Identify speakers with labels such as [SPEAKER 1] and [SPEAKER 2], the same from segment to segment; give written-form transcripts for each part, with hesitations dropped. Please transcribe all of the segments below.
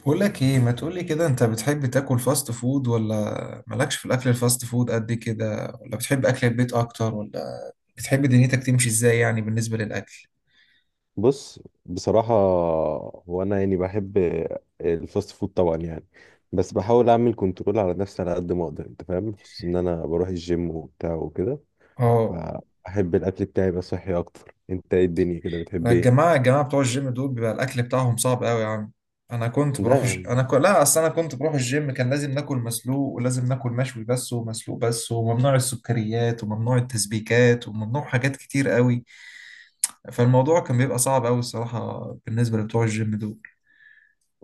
[SPEAKER 1] بقول لك ايه، ما تقولي كده، انت بتحب تاكل فاست فود، ولا مالكش في الاكل الفاست فود قد كده، ولا بتحب اكل البيت اكتر، ولا بتحب دنيتك تمشي ازاي يعني بالنسبة للاكل؟
[SPEAKER 2] بص، بصراحة هو أنا يعني بحب الفاست فود طبعا يعني. بس بحاول أعمل كنترول على نفسي على قد ما أقدر، أنت فاهم، خصوصا إن أنا بروح الجيم وبتاع وكده،
[SPEAKER 1] اه.
[SPEAKER 2] فأحب الأكل بتاعي يبقى صحي أكتر. أنت إيه الدنيا كده بتحب
[SPEAKER 1] لا،
[SPEAKER 2] إيه؟
[SPEAKER 1] الجماعة بتوع الجيم دول بيبقى الاكل بتاعهم صعب قوي يا عم. انا كنت
[SPEAKER 2] لا
[SPEAKER 1] بروح الج...
[SPEAKER 2] يعني.
[SPEAKER 1] انا ك... لا اصل انا كنت بروح الجيم، كان لازم ناكل مسلوق، ولازم ناكل مشوي بس ومسلوق بس، وممنوع السكريات وممنوع التسبيكات وممنوع حاجات كتير قوي. فالموضوع كان بيبقى صعب قوي الصراحة بالنسبة لبتوع الجيم دول.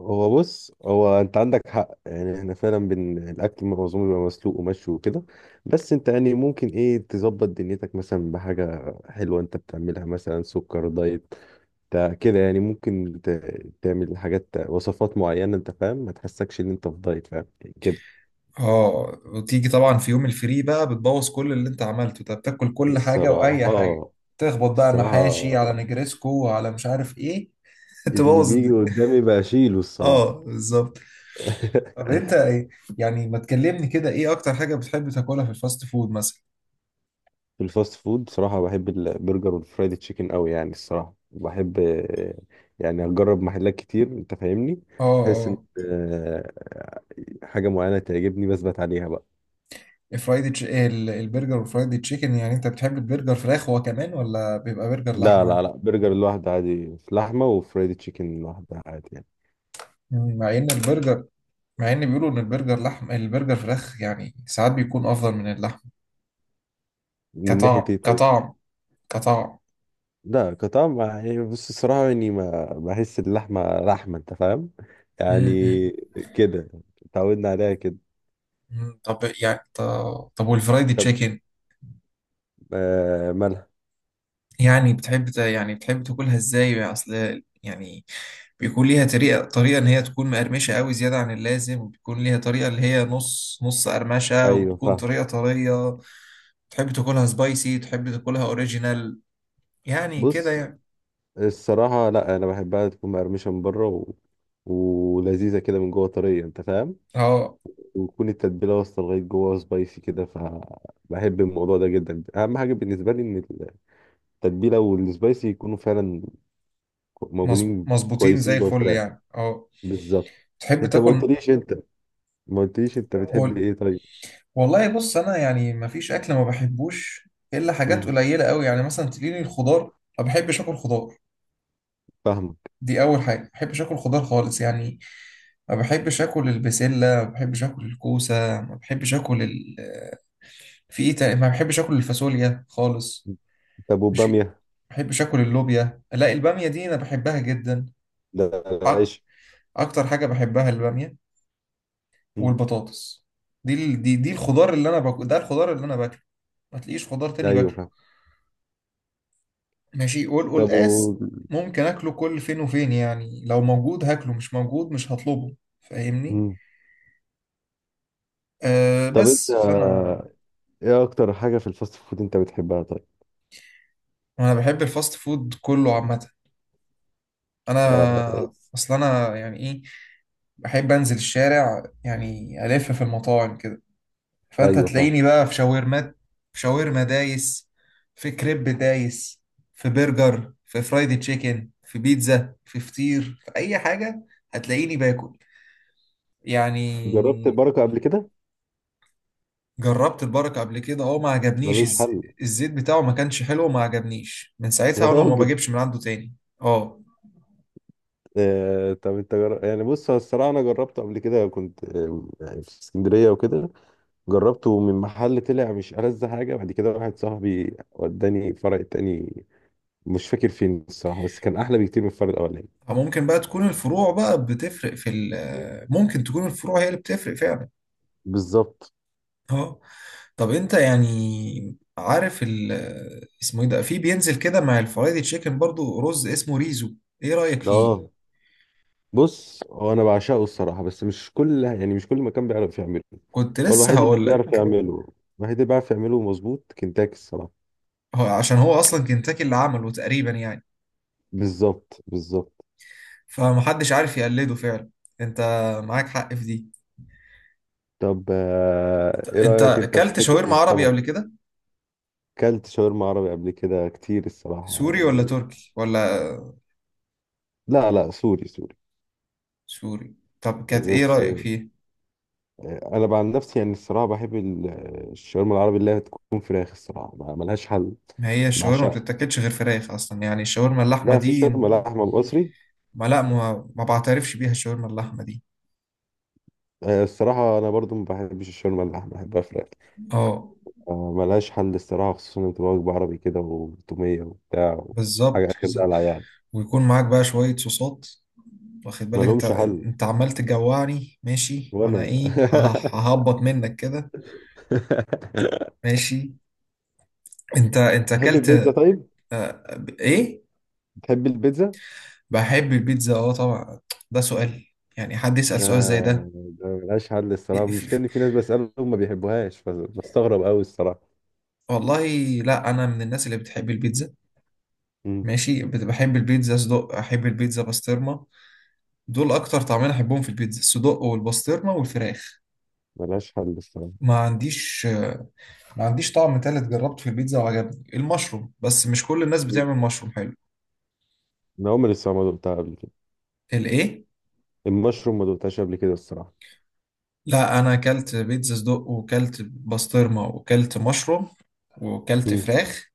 [SPEAKER 2] هو بص، هو أنت عندك حق يعني، إحنا فعلا بن الأكل معظمه بيبقى مسلوق ومشوي وكده. بس أنت يعني ممكن إيه تظبط دنيتك مثلا بحاجة حلوة أنت بتعملها، مثلا سكر دايت. كده يعني، ممكن تعمل حاجات وصفات معينة، انت فاهم، ما تحسكش ان انت في دايت، فاهم كده.
[SPEAKER 1] اه، وتيجي طبعا في يوم الفري بقى بتبوظ كل اللي انت عملته، انت بتاكل كل حاجة واي حاجة،
[SPEAKER 2] الصراحة
[SPEAKER 1] تخبط بقى
[SPEAKER 2] الصراحة
[SPEAKER 1] محاشي على نجرسكو على مش عارف ايه
[SPEAKER 2] اللي
[SPEAKER 1] تبوظ
[SPEAKER 2] بيجي
[SPEAKER 1] الدنيا.
[SPEAKER 2] قدامي بشيله
[SPEAKER 1] اه،
[SPEAKER 2] الصراحة.
[SPEAKER 1] بالظبط. طب انت ايه؟ يعني ما تكلمني كده، ايه اكتر حاجة بتحب تاكلها في الفاست فود مثلا؟
[SPEAKER 2] في الفاست فود بصراحة بحب البرجر والفرايد تشيكن قوي يعني، الصراحة بحب. يعني أجرب محلات كتير، أنت فاهمني،
[SPEAKER 1] اه،
[SPEAKER 2] بحيث إن
[SPEAKER 1] اه.
[SPEAKER 2] آه، حاجة معينة تعجبني بثبت عليها بقى.
[SPEAKER 1] البرجر والفرايدي تشيكن، يعني انت بتحب البرجر فراخ هو كمان، ولا بيبقى برجر
[SPEAKER 2] لا لا
[SPEAKER 1] لحمة؟
[SPEAKER 2] لا، برجر لوحده عادي في لحمة، وفرايد تشيكن لوحده عادي يعني.
[SPEAKER 1] مم، مع ان البرجر مع ان بيقولوا ان البرجر لحم، البرجر فراخ يعني ساعات بيكون افضل من اللحمة،
[SPEAKER 2] من ناحية
[SPEAKER 1] كطعم.
[SPEAKER 2] إيه طيب؟
[SPEAKER 1] كطعم. كطعم.
[SPEAKER 2] لا كطعم يعني، بص، الصراحة يعني ما بحس اللحمة لحمة، أنت فاهم.
[SPEAKER 1] مم، مم،
[SPEAKER 2] يعني كده، اتعودنا عليها كده.
[SPEAKER 1] مم. طب يعني طب والفرايدي
[SPEAKER 2] طب،
[SPEAKER 1] تشيكن،
[SPEAKER 2] آه مالها.
[SPEAKER 1] يعني بتحب تاكلها ازاي يعني؟ اصل يعني بيكون ليها طريقة ان هي تكون مقرمشة قوي زيادة عن اللازم، وبيكون ليها طريقة اللي هي نص نص قرمشة،
[SPEAKER 2] أيوة
[SPEAKER 1] وبتكون
[SPEAKER 2] فاهم.
[SPEAKER 1] طريقة طرية. تحب تاكلها سبايسي، تحب تاكلها اوريجينال، يعني كده
[SPEAKER 2] بص
[SPEAKER 1] يعني.
[SPEAKER 2] الصراحة، لا أنا بحبها تكون مقرمشة من بره ولذيذة كده من جوه، طرية، أنت فاهم.
[SPEAKER 1] اه،
[SPEAKER 2] وتكون التتبيلة واصلة لغاية جوه سبايسي كده، فبحب الموضوع ده جدا. أهم حاجة بالنسبة لي إن التتبيلة والسبايسي يكونوا فعلا موجودين
[SPEAKER 1] مظبوطين زي
[SPEAKER 2] كويسين جوه
[SPEAKER 1] الفل
[SPEAKER 2] الفراخ.
[SPEAKER 1] يعني. اه،
[SPEAKER 2] بالظبط.
[SPEAKER 1] تحب
[SPEAKER 2] انت ما
[SPEAKER 1] تاكل.
[SPEAKER 2] قلتليش انت ما قلتليش انت بتحب ايه طيب؟
[SPEAKER 1] والله بص، انا يعني ما فيش اكل ما بحبوش الا حاجات
[SPEAKER 2] مم.
[SPEAKER 1] قليله قوي، يعني مثلا تلاقيني الخضار. ما بحبش اكل خضار.
[SPEAKER 2] فاهمك.
[SPEAKER 1] دي اول حاجه، ما بحبش اكل خضار خالص يعني. ما بحبش اكل البسله، ما بحبش اكل الكوسه، ما بحبش اكل ال في ايه تاني، ما بحبش اكل الفاصوليا خالص،
[SPEAKER 2] طب
[SPEAKER 1] ماشي. ما
[SPEAKER 2] والبامية؟
[SPEAKER 1] بحبش اكل اللوبيا. لا، الباميه دي انا بحبها جدا.
[SPEAKER 2] ده
[SPEAKER 1] أ-
[SPEAKER 2] عيش.
[SPEAKER 1] اكتر حاجه بحبها الباميه،
[SPEAKER 2] مم.
[SPEAKER 1] والبطاطس. دي ال- دي دي الخضار اللي انا باكل ده، الخضار اللي انا باكله. ما تلاقيش خضار تاني
[SPEAKER 2] ايوه
[SPEAKER 1] باكله.
[SPEAKER 2] فاهم.
[SPEAKER 1] ماشي،
[SPEAKER 2] طب و...
[SPEAKER 1] والقلقاس ممكن اكله كل فين وفين يعني، لو موجود هاكله، مش موجود مش هطلبه، فاهمني؟
[SPEAKER 2] مم. طب انت،
[SPEAKER 1] بس فانا
[SPEAKER 2] ايه اكتر حاجة في الفاست فود انت بتحبها طيب؟
[SPEAKER 1] انا بحب الفاست فود كله عامه.
[SPEAKER 2] آه،
[SPEAKER 1] انا اصل انا يعني ايه، بحب انزل الشارع يعني، الف في المطاعم كده. فانت
[SPEAKER 2] ايوه فاهم.
[SPEAKER 1] تلاقيني بقى في شاورمات، في شاورما دايس، في كريب دايس، في برجر، في فرايدي تشيكن، في بيتزا، في فطير، في اي حاجه هتلاقيني باكل
[SPEAKER 2] جربت
[SPEAKER 1] يعني.
[SPEAKER 2] البركة قبل كده؟
[SPEAKER 1] جربت البركة قبل كده، اه، ما عجبنيش.
[SPEAKER 2] ملوش حل.
[SPEAKER 1] الزيت بتاعه ما كانش حلو، وما عجبنيش من ساعتها
[SPEAKER 2] يا
[SPEAKER 1] وانا ما
[SPEAKER 2] راجل.
[SPEAKER 1] بجيبش من عنده تاني. اه،
[SPEAKER 2] طب انت يعني بص، هو الصراحة انا جربته قبل كده، كنت يعني في اسكندرية وكده، جربته من محل، طلع مش ألذ حاجة. بعد كده واحد صاحبي وداني فرع تاني، مش فاكر فين الصراحه، بس كان احلى بكتير من الفرد الاولاني.
[SPEAKER 1] ممكن بقى تكون الفروع بقى بتفرق ممكن تكون الفروع هي اللي بتفرق فعلا.
[SPEAKER 2] بالظبط.
[SPEAKER 1] اه. طب انت يعني عارف اسمه ايه ده، في بينزل كده مع الفرايدي تشيكن برضو رز اسمه ريزو؟ ايه رأيك فيه؟
[SPEAKER 2] اه بص، هو انا بعشقه الصراحه، بس مش كل مكان بيعرف يعمله.
[SPEAKER 1] كنت
[SPEAKER 2] هو
[SPEAKER 1] لسه
[SPEAKER 2] الوحيد اللي
[SPEAKER 1] هقول
[SPEAKER 2] بيعرف
[SPEAKER 1] لك.
[SPEAKER 2] يعمله. الوحيد اللي بيعرف يعمله مظبوط كنتاكي الصراحه.
[SPEAKER 1] هو عشان هو اصلا كنتاكي اللي عمله تقريبا يعني،
[SPEAKER 2] بالظبط، بالظبط.
[SPEAKER 1] فمحدش عارف يقلده فعلا. انت معاك حق في دي.
[SPEAKER 2] طب، ايه
[SPEAKER 1] انت
[SPEAKER 2] رايك انت في
[SPEAKER 1] اكلت
[SPEAKER 2] حته
[SPEAKER 1] شاورما عربي قبل
[SPEAKER 2] السمك؟
[SPEAKER 1] كده؟
[SPEAKER 2] كلت شاورما عربي قبل كده كتير الصراحه
[SPEAKER 1] سوري ولا
[SPEAKER 2] يعني.
[SPEAKER 1] تركي ولا؟
[SPEAKER 2] لا لا، سوري سوري.
[SPEAKER 1] سوري. طب كانت ايه
[SPEAKER 2] بس
[SPEAKER 1] رأيك فيه؟
[SPEAKER 2] انا بقى عن نفسي يعني الصراحه بحب الشاورما العربي اللي هي تكون فراخ، الصراحه ملهاش حل.
[SPEAKER 1] ما هي الشاورما ما
[SPEAKER 2] بعشقها.
[SPEAKER 1] بتتاكلش غير فراخ اصلا يعني، الشاورما اللحمه
[SPEAKER 2] لا في
[SPEAKER 1] دي
[SPEAKER 2] شاورما لحمة مصري.
[SPEAKER 1] ما لا ما, ما بعترفش بيها الشاورما اللحمه دي.
[SPEAKER 2] الصراحة أنا برضو ما بحبش الشاورما اللحمة، بحبها فراخ.
[SPEAKER 1] اه،
[SPEAKER 2] ملهاش حل الصراحة، خصوصا إن بتبقى وجبة عربي كده وتومية وبتاع. حاجة
[SPEAKER 1] بالظبط،
[SPEAKER 2] آخر
[SPEAKER 1] بالظبط.
[SPEAKER 2] دلع يعني.
[SPEAKER 1] ويكون معاك بقى شويه صوصات، واخد بالك انت؟
[SPEAKER 2] ملهمش حل.
[SPEAKER 1] انت عمال تجوعني ماشي، وانا
[SPEAKER 2] وأنا
[SPEAKER 1] ايه، ه- ه- ههبط منك كده. ماشي. انت
[SPEAKER 2] تحب
[SPEAKER 1] اكلت
[SPEAKER 2] البيتزا طيب؟
[SPEAKER 1] ايه؟
[SPEAKER 2] تحب البيتزا؟
[SPEAKER 1] بحب البيتزا اه طبعا، ده سؤال؟ يعني حد يسأل
[SPEAKER 2] ده
[SPEAKER 1] سؤال زي ده؟
[SPEAKER 2] ده ملهاش حل الصراحة.
[SPEAKER 1] في-
[SPEAKER 2] المشكلة
[SPEAKER 1] في-
[SPEAKER 2] إن في ناس بسألهم ما بيحبوهاش، فبستغرب أوي الصراحة.
[SPEAKER 1] والله لا، انا من الناس اللي بتحب البيتزا،
[SPEAKER 2] مم.
[SPEAKER 1] ماشي. بحب البيتزا صدق، احب البيتزا بسطرمه. دول اكتر طعمين احبهم في البيتزا، الصدق والبسطرمه والفراخ.
[SPEAKER 2] ملهاش حل الصراحة.
[SPEAKER 1] ما عنديش ما عنديش طعم تالت جربته في البيتزا وعجبني، المشروم، بس مش كل الناس
[SPEAKER 2] مم.
[SPEAKER 1] بتعمل مشروم حلو.
[SPEAKER 2] أنا عمري الصراحة ما دقتها قبل كده.
[SPEAKER 1] الايه؟
[SPEAKER 2] المشروم ما دقتهاش قبل كده الصراحة.
[SPEAKER 1] لا، انا اكلت بيتزا صدق، وكلت بسطرمه، وكلت مشروم، وكلت
[SPEAKER 2] مم.
[SPEAKER 1] فراخ.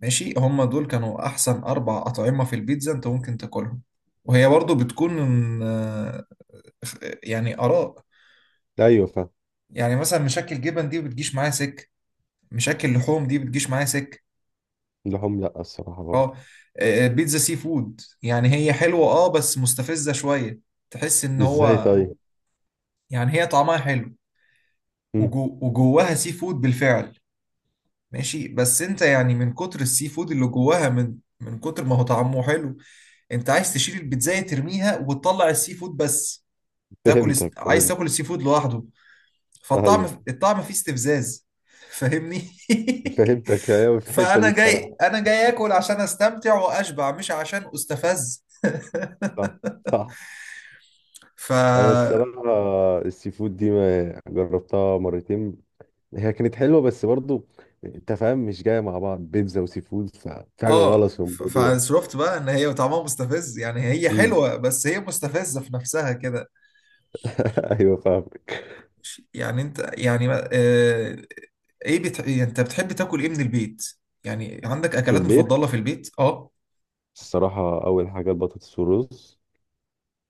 [SPEAKER 1] ماشي، هما دول كانوا احسن اربع اطعمه في البيتزا انت ممكن تاكلهم. وهي برضو بتكون يعني آراء،
[SPEAKER 2] أيوه فاهم.
[SPEAKER 1] يعني مثلا مشاكل جبن دي بتجيش معايا سك، مشاكل لحوم دي بتجيش معايا سك.
[SPEAKER 2] لهم، لا الصراحة برضه.
[SPEAKER 1] اه. بيتزا سي فود يعني، هي حلوة اه بس مستفزة شوية. تحس ان
[SPEAKER 2] ازاي
[SPEAKER 1] هو،
[SPEAKER 2] طيب؟
[SPEAKER 1] يعني هي طعمها حلو،
[SPEAKER 2] مم.
[SPEAKER 1] وجواها سي فود بالفعل، ماشي. بس انت يعني، من كتر السي فود اللي جواها، من كتر ما هو طعمه حلو انت عايز تشيل البيتزاية ترميها وتطلع السي فود بس،
[SPEAKER 2] فهمتك،
[SPEAKER 1] عايز
[SPEAKER 2] فهمت.
[SPEAKER 1] تاكل السي فود لوحده. فالطعم
[SPEAKER 2] ايوه
[SPEAKER 1] الطعم فيه استفزاز فاهمني؟
[SPEAKER 2] فهمتك، ايوه في الحتة دي
[SPEAKER 1] فانا جاي
[SPEAKER 2] الصراحة.
[SPEAKER 1] انا جاي اكل عشان استمتع واشبع مش عشان استفز.
[SPEAKER 2] صح، صح.
[SPEAKER 1] ف
[SPEAKER 2] انا الصراحة السي فود دي ما جربتها مرتين، هي كانت حلوة بس برضه، انت فاهم، مش جاية مع بعض بيتزا وسي فود، ففي حاجة غلط في الموضوع.
[SPEAKER 1] فصرفت بقى ان هي طعمها مستفز يعني، هي
[SPEAKER 2] مم.
[SPEAKER 1] حلوه بس هي مستفزه في نفسها كده.
[SPEAKER 2] ايوه فاهمك.
[SPEAKER 1] ش- يعني انت يعني ما- آه، ايه يعني انت بتحب تاكل ايه من البيت؟ يعني عندك
[SPEAKER 2] في
[SPEAKER 1] اكلات
[SPEAKER 2] البيت
[SPEAKER 1] مفضله في البيت؟ اه،
[SPEAKER 2] الصراحة أول حاجة البطاطس والرز،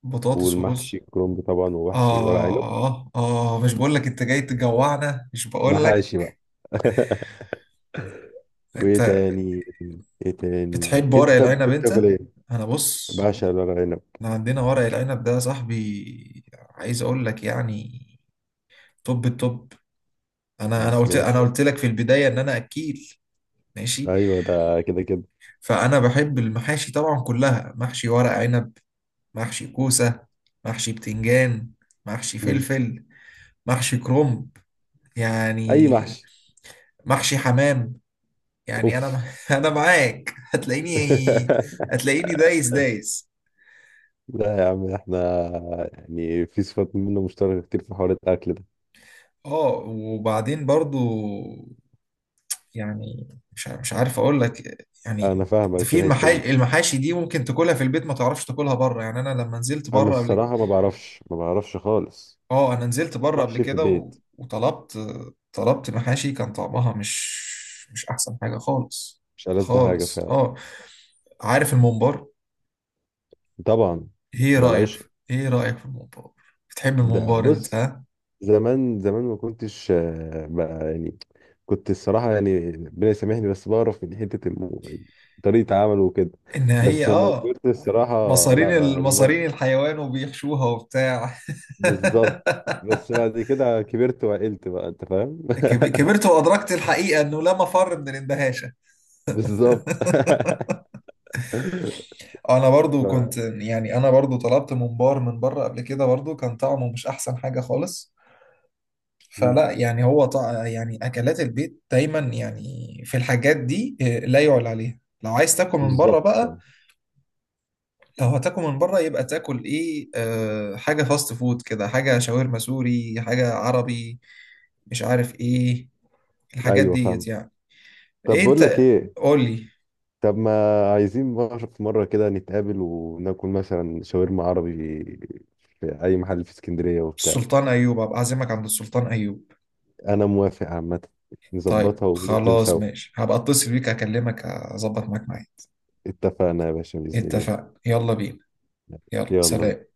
[SPEAKER 1] بطاطس
[SPEAKER 2] والمحشي
[SPEAKER 1] ورز.
[SPEAKER 2] كرنب طبعا، ومحشي ورق عنب.
[SPEAKER 1] اه، اه، مش بقول لك انت جاي تجوعنا، مش بقول لك.
[SPEAKER 2] محاشي بقى. وايه
[SPEAKER 1] انت
[SPEAKER 2] تاني؟ ايه تاني
[SPEAKER 1] بتحب ورق
[SPEAKER 2] انت طب
[SPEAKER 1] العنب
[SPEAKER 2] بتحب
[SPEAKER 1] انت؟
[SPEAKER 2] تاكل ايه؟
[SPEAKER 1] انا بص،
[SPEAKER 2] بعشق الورق عنب.
[SPEAKER 1] احنا عندنا ورق العنب ده يا صاحبي، عايز اقول لك يعني، توب التوب. انا انا قلت انا
[SPEAKER 2] بالسنوشة.
[SPEAKER 1] قلت لك في البدايه ان انا اكيل، ماشي.
[SPEAKER 2] ايوه ده كده كده.
[SPEAKER 1] فانا بحب المحاشي طبعا كلها، محشي ورق عنب، محشي كوسه، محشي بتنجان، محشي
[SPEAKER 2] مم.
[SPEAKER 1] فلفل، محشي كرنب،
[SPEAKER 2] اي
[SPEAKER 1] يعني،
[SPEAKER 2] محشي.
[SPEAKER 1] محشي حمام، يعني
[SPEAKER 2] اوف.
[SPEAKER 1] انا انا معاك هتلاقيني، هتلاقيني دايس دايس.
[SPEAKER 2] لا يا عم، احنا يعني في صفات منه مشتركة كتير في حوار الاكل ده.
[SPEAKER 1] اه، وبعدين برضو يعني، مش عارف اقول لك
[SPEAKER 2] انا
[SPEAKER 1] يعني.
[SPEAKER 2] فاهمك في
[SPEAKER 1] في
[SPEAKER 2] الحتة دي.
[SPEAKER 1] المحاشي دي ممكن تاكلها في البيت، ما تعرفش تاكلها بره يعني. انا لما نزلت
[SPEAKER 2] انا
[SPEAKER 1] بره قبل،
[SPEAKER 2] الصراحة ما بعرفش، ما بعرفش خالص.
[SPEAKER 1] اه، انا نزلت بره قبل
[SPEAKER 2] محشي في
[SPEAKER 1] كده
[SPEAKER 2] البيت.
[SPEAKER 1] وطلبت، طلبت محاشي كان طعمها مش احسن حاجة خالص.
[SPEAKER 2] مش ألذ حاجة
[SPEAKER 1] خالص،
[SPEAKER 2] فعلا.
[SPEAKER 1] اه. عارف الممبار؟
[SPEAKER 2] طبعا. ده العيش.
[SPEAKER 1] ايه رأيك في الممبار؟ بتحب
[SPEAKER 2] ده
[SPEAKER 1] الممبار انت
[SPEAKER 2] بص،
[SPEAKER 1] ها؟
[SPEAKER 2] زمان زمان ما كنتش بقى يعني كنت الصراحة يعني ربنا يسامحني، بس بعرف من حتة طريقة عمله وكده.
[SPEAKER 1] ان هي
[SPEAKER 2] بس لما كبرت الصراحة.
[SPEAKER 1] مصارين
[SPEAKER 2] لا يعني ب-
[SPEAKER 1] المصارين الحيوان وبيحشوها وبتاع
[SPEAKER 2] بالظبط. بس بعد كده كبرت وعقلت بقى، انت فاهم.
[SPEAKER 1] كبرت وادركت الحقيقه انه لا مفر من الاندهاشه.
[SPEAKER 2] بالظبط.
[SPEAKER 1] انا برضو كنت
[SPEAKER 2] ف...
[SPEAKER 1] يعني، انا برضو طلبت ممبار من بره قبل كده برضو كان طعمه مش احسن حاجه خالص.
[SPEAKER 2] مم.
[SPEAKER 1] فلا يعني يعني اكلات البيت دايما يعني، في الحاجات دي لا يعلى عليها. لو عايز تاكل من بره
[SPEAKER 2] بالظبط
[SPEAKER 1] بقى،
[SPEAKER 2] الصراحة.
[SPEAKER 1] لو هتاكل من بره يبقى تاكل ايه، حاجه فاست فود كده، حاجه شاورما سوري، حاجه عربي، مش عارف ايه، الحاجات
[SPEAKER 2] ايوه
[SPEAKER 1] ديت
[SPEAKER 2] فاهم.
[SPEAKER 1] يعني.
[SPEAKER 2] طب
[SPEAKER 1] ايه
[SPEAKER 2] بقول لك
[SPEAKER 1] انت،
[SPEAKER 2] ايه،
[SPEAKER 1] قول لي.
[SPEAKER 2] طب ما عايزين بقى في مرة كده نتقابل وناكل مثلا شاورما عربي في اي محل في اسكندرية وبتاع.
[SPEAKER 1] السلطان ايوب، ابقى اعزمك عند السلطان ايوب.
[SPEAKER 2] انا موافق عامة،
[SPEAKER 1] طيب
[SPEAKER 2] نظبطها وننزل
[SPEAKER 1] خلاص
[SPEAKER 2] سوا.
[SPEAKER 1] ماشي، هبقى اتصل بيك اكلمك اظبط معاك معايا.
[SPEAKER 2] اتفقنا يا باشا بإذن الله.
[SPEAKER 1] اتفقنا، يلا بينا. يلا،
[SPEAKER 2] يلا.
[SPEAKER 1] سلام.